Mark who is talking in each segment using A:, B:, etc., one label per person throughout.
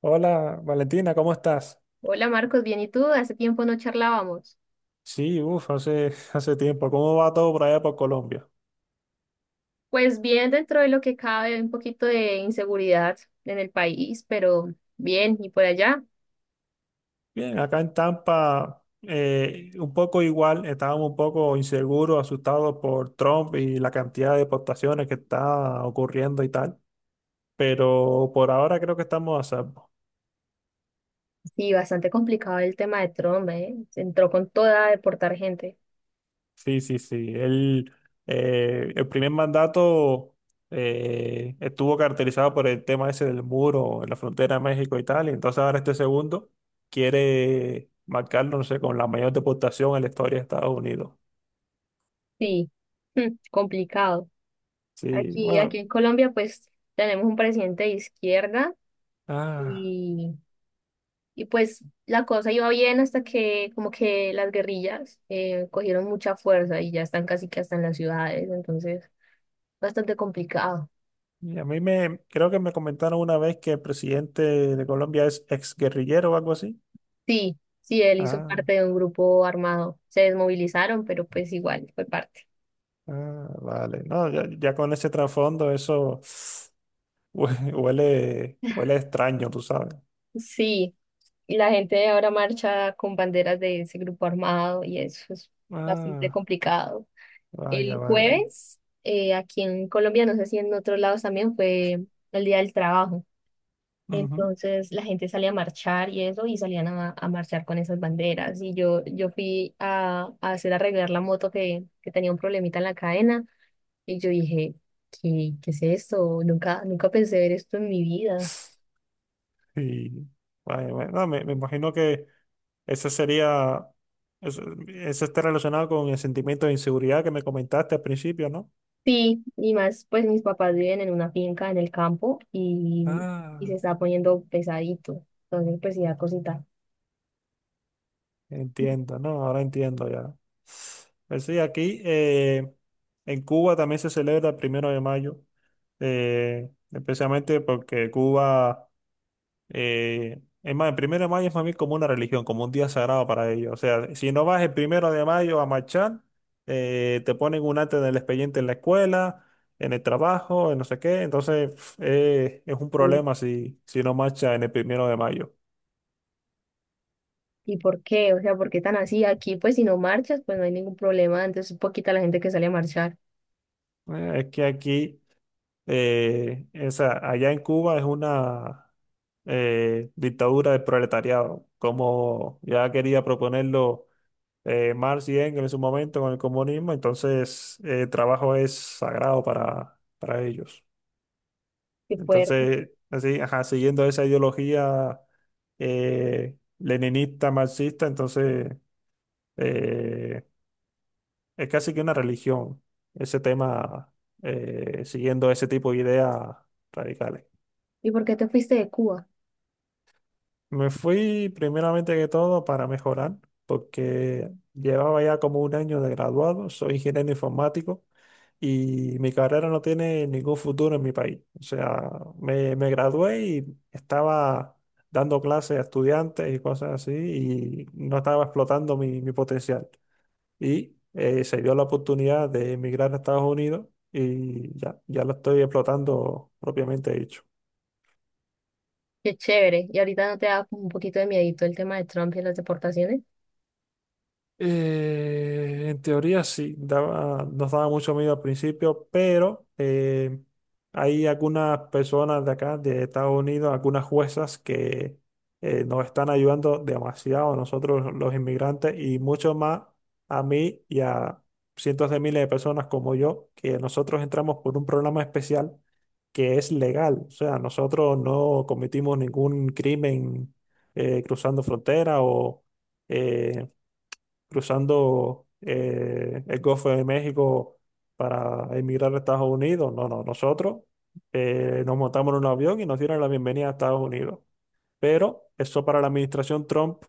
A: Hola Valentina, ¿cómo estás?
B: Hola Marcos, bien, ¿y tú? Hace tiempo no charlábamos.
A: Sí, uff, hace, hace tiempo. ¿Cómo va todo por allá por Colombia?
B: Pues bien, dentro de lo que cabe, hay un poquito de inseguridad en el país, pero bien, ¿y por allá?
A: Bien, acá en Tampa, un poco igual, estábamos un poco inseguros, asustados por Trump y la cantidad de deportaciones que está ocurriendo y tal, pero por ahora creo que estamos a salvo.
B: Sí, bastante complicado el tema de Trump, ¿eh? Se entró con toda a deportar gente.
A: Sí, sí, sí. El primer mandato estuvo caracterizado por el tema ese del muro en la frontera de México y tal. Y entonces ahora este segundo quiere marcarlo, no sé, con la mayor deportación en la historia de Estados Unidos.
B: Sí, mm, complicado.
A: Sí,
B: Aquí,
A: bueno.
B: en Colombia, pues tenemos un presidente de izquierda
A: Ah,
B: y, y pues la cosa iba bien hasta que como que las guerrillas cogieron mucha fuerza y ya están casi que hasta en las ciudades, entonces bastante complicado.
A: y creo que me comentaron una vez que el presidente de Colombia es exguerrillero o algo así.
B: Sí, sí, él hizo
A: Ah,
B: parte de un grupo armado. Se desmovilizaron, pero pues igual fue parte.
A: ah, vale. No, ya, ya con ese trasfondo eso huele, huele extraño, tú sabes.
B: Sí, y la gente ahora marcha con banderas de ese grupo armado y eso es bastante
A: Ah,
B: complicado.
A: vaya,
B: El
A: vaya.
B: jueves, aquí en Colombia, no sé si en otros lados también, fue el Día del Trabajo.
A: Ujú.
B: Entonces la gente salía a marchar y eso, y salían a marchar con esas banderas. Y yo fui a hacer arreglar la moto que tenía un problemita en la cadena. Y yo dije, ¿qué es esto? Nunca, nunca pensé ver esto en mi vida.
A: Sí, vaya, vaya. No, me imagino que eso sería, eso, eso está relacionado con el sentimiento de inseguridad que me comentaste al principio, ¿no?
B: Sí, y más, pues mis papás viven en una finca en el campo y se
A: Ah,
B: está poniendo pesadito. Entonces, pues sí da cosita.
A: entiendo, ¿no? Ahora entiendo ya. Pues sí, aquí en Cuba también se celebra el primero de mayo, especialmente porque Cuba... Es más, el primero de mayo es para mí como una religión, como un día sagrado para ellos. O sea, si no vas el primero de mayo a marchar, te ponen un arte del expediente en la escuela, en el trabajo, en no sé qué. Entonces, pf, es un
B: Ujú.
A: problema si no marchas en el primero de mayo.
B: ¿Y por qué? O sea, ¿por qué tan así? Aquí, pues si no marchas, pues no hay ningún problema. Entonces, es poquita la gente que sale a marchar.
A: Es que allá en Cuba es una dictadura del proletariado, como ya quería proponerlo Marx y Engels en su momento con el comunismo, entonces el trabajo es sagrado para ellos.
B: Qué fuerte.
A: Entonces, así, ajá, siguiendo esa ideología leninista, marxista, entonces eh, es casi que una religión ese tema, siguiendo ese tipo de ideas radicales.
B: ¿Y por qué te fuiste de Cuba?
A: Me fui primeramente que todo para mejorar, porque llevaba ya como un año de graduado, soy ingeniero informático. Y mi carrera no tiene ningún futuro en mi país. O sea, me gradué y estaba dando clases a estudiantes y cosas así y no estaba explotando mi potencial. Y se dio la oportunidad de emigrar a Estados Unidos y ya, ya lo estoy explotando propiamente dicho.
B: Qué chévere. ¿Y ahorita no te da como un poquito de miedito el tema de Trump y las deportaciones?
A: En teoría sí, nos daba mucho miedo al principio, pero hay algunas personas de acá, de Estados Unidos, algunas juezas que nos están ayudando demasiado a nosotros los inmigrantes y mucho más a mí y a cientos de miles de personas como yo, que nosotros entramos por un programa especial que es legal. O sea, nosotros no cometimos ningún crimen cruzando frontera o... eh, cruzando el Golfo de México para emigrar a Estados Unidos. No, no, nosotros nos montamos en un avión y nos dieron la bienvenida a Estados Unidos. Pero eso para la administración Trump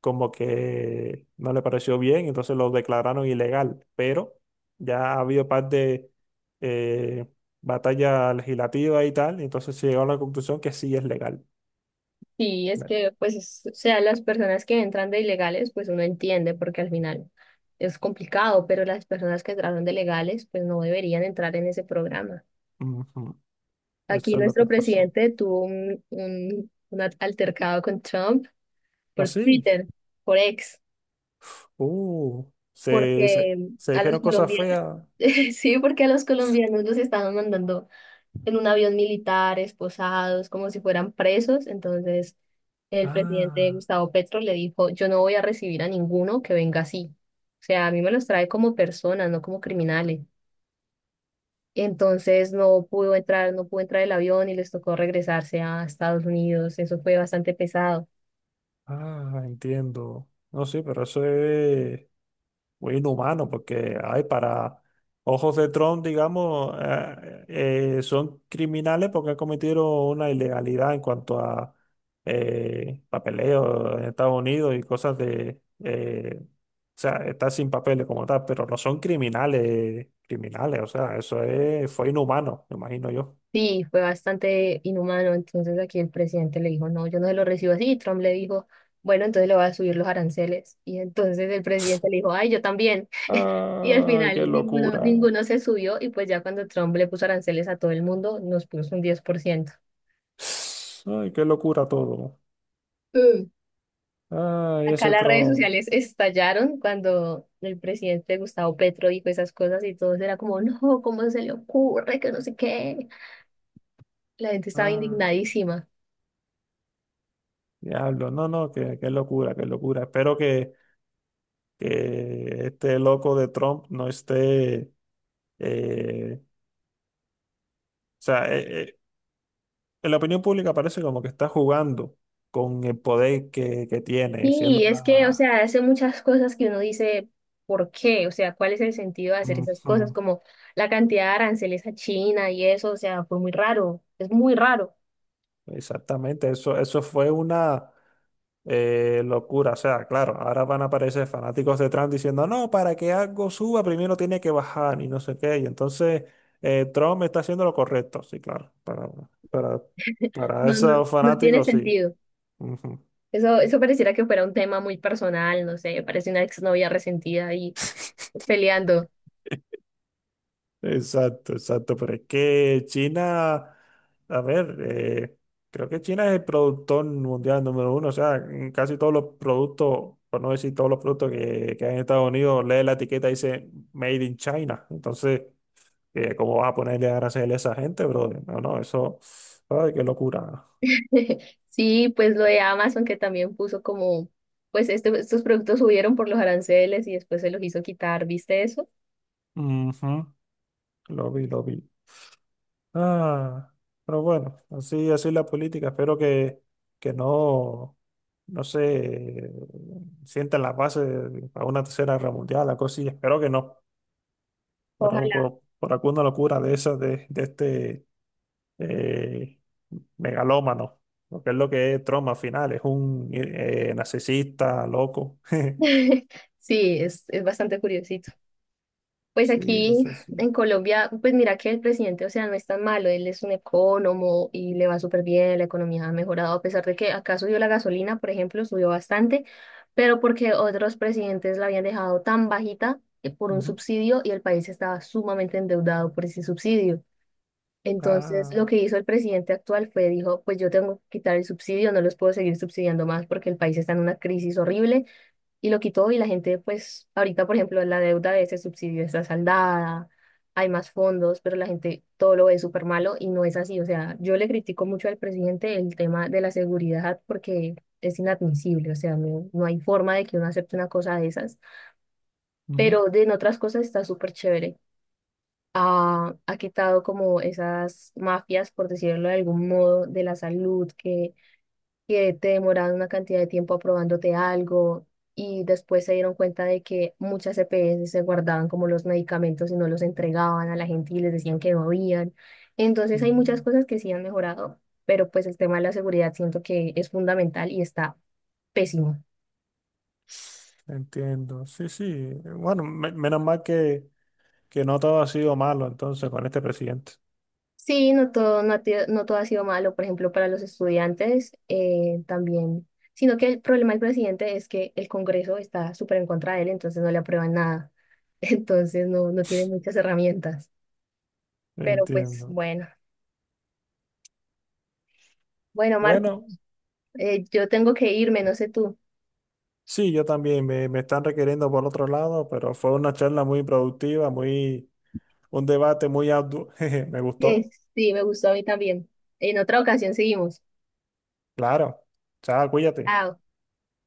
A: como que no le pareció bien, entonces lo declararon ilegal. Pero ya ha habido par de eh, batalla legislativa y tal, entonces se llegó a la conclusión que sí es legal.
B: Sí, es
A: Bueno.
B: que, pues, es- o sea, las personas que entran de ilegales, pues uno entiende porque al final es complicado, pero las personas que entraron de legales, pues no deberían entrar en ese programa.
A: Ujú.
B: Aquí
A: Eso es lo que
B: nuestro
A: pasó.
B: presidente tuvo un altercado con Trump por
A: Así.
B: Twitter, por ex,
A: Uh,
B: porque
A: se
B: a los
A: dijeron cosas
B: colombianos,
A: feas.
B: sí, porque a los colombianos los estaban mandando en un avión militar, esposados, como si fueran presos. Entonces, el presidente
A: Ah,
B: Gustavo Petro le dijo, yo no voy a recibir a ninguno que venga así. O sea, a mí me los trae como personas, no como criminales. Entonces no pudo entrar, no pudo entrar el avión y les tocó regresarse a Estados Unidos. Eso fue bastante pesado.
A: ah, entiendo. No, sí, pero eso es muy inhumano porque, ay, para ojos de Trump, digamos, son criminales porque cometieron una ilegalidad en cuanto a papeleo en Estados Unidos y cosas de, o sea, estar sin papeles como tal, pero no son criminales, criminales, o sea, eso es, fue inhumano, me imagino yo.
B: Sí, fue bastante inhumano. Entonces aquí el presidente le dijo, no, yo no se lo recibo así. Y Trump le dijo, bueno, entonces le voy a subir los aranceles. Y entonces el presidente le dijo, ay, yo también. Y al
A: Ay, qué
B: final ninguno,
A: locura.
B: ninguno se subió y pues ya cuando Trump le puso aranceles a todo el mundo, nos puso un 10%.
A: Ay, qué locura todo.
B: Mm.
A: Ay,
B: Acá
A: ese
B: las redes
A: Trump.
B: sociales estallaron cuando el presidente Gustavo Petro dijo esas cosas y todos era como, no, ¿cómo se le ocurre? Que no sé qué. La gente estaba
A: Ah,
B: indignadísima.
A: diablo. No, no, qué, qué locura, qué locura. Espero que este loco de Trump no esté. eh, o sea, eh, eh, en la opinión pública parece como que está jugando con el poder que tiene, siendo
B: Sí, es que, o
A: la.
B: sea, hace muchas cosas que uno dice, ¿por qué? O sea, ¿cuál es el sentido de hacer esas cosas?
A: Ujú.
B: Como la cantidad de aranceles a China y eso, o sea, fue muy raro, es muy raro.
A: Exactamente, eso fue una. Locura, o sea, claro, ahora van a aparecer fanáticos de Trump diciendo, no, para que algo suba primero tiene que bajar y no sé qué, y entonces Trump está haciendo lo correcto, sí, claro, para, para
B: No, no,
A: esos
B: no tiene
A: fanáticos, sí.
B: sentido.
A: Ujú.
B: Eso pareciera que fuera un tema muy personal, no sé, parece una exnovia resentida ahí peleando.
A: Exacto, exacto, pero es que China, a ver, creo que China es el productor mundial número uno, o sea, en casi todos los productos, por no decir todos los productos que hay en Estados Unidos, lee la etiqueta y dice Made in China, entonces... ¿Cómo vas a ponerle a aranceles a esa gente, brother? No, no, eso. Ay, qué locura.
B: Sí, pues lo de Amazon que también puso como, pues este- estos productos subieron por los aranceles y después se los hizo quitar, ¿viste eso?
A: Ujú. Lo vi, lo vi. Ah, pero bueno, así, así es la política. Espero que no se sientan las bases para una tercera guerra mundial, la cosa, y espero que no.
B: Ojalá.
A: Por alguna locura de esas, de este eh, megalómano, lo que es Trump al final, es un narcisista, loco.
B: Sí, es bastante curiosito. Pues
A: Sí,
B: aquí
A: eso sí.
B: en Colombia, pues mira que el presidente, o sea, no es tan malo, él es un economo y le va súper bien, la economía ha mejorado, a pesar de que acá subió la gasolina, por ejemplo, subió bastante, pero porque otros presidentes la habían dejado tan bajita por un
A: Ujú.
B: subsidio y el país estaba sumamente endeudado por ese subsidio. Entonces,
A: Ah,
B: lo que hizo el presidente actual fue, dijo, pues yo tengo que quitar el subsidio, no los puedo seguir subsidiando más porque el país está en una crisis horrible y lo quitó y la gente, pues, ahorita, por ejemplo, la deuda de ese subsidio está saldada, hay más fondos, pero la gente todo lo ve súper malo y no es así. O sea, yo le critico mucho al presidente el tema de la seguridad porque es inadmisible, o sea, no, no hay forma de que uno acepte una cosa de esas,
A: ujú,
B: pero de en otras cosas está súper chévere. Ha quitado como esas mafias, por decirlo de algún modo, de la salud que te demoraron una cantidad de tiempo aprobándote algo y después se dieron cuenta de que muchas EPS se guardaban como los medicamentos y no los entregaban a la gente y les decían que no habían. Entonces hay muchas
A: ujú.
B: cosas que sí han mejorado, pero pues el tema de la seguridad siento que es fundamental y está pésimo.
A: Entiendo. Sí, sí. Bueno, menos mal que no todo ha sido malo entonces con este presidente.
B: Sí, no todo, no, ha te- no todo ha sido malo, por ejemplo, para los estudiantes también, sino que el problema del presidente es que el Congreso está súper en contra de él, entonces no le aprueban nada, entonces no, no tiene muchas herramientas, pero pues
A: Entiendo.
B: bueno, bueno, Marco,
A: Bueno,
B: yo tengo que irme, no sé tú.
A: sí, yo también me están requiriendo por otro lado, pero fue una charla muy productiva, muy, un debate muy arduo. Jeje, me gustó.
B: Sí, me gustó a mí también. En otra ocasión seguimos.
A: Claro. Chao, cuídate.
B: Chao.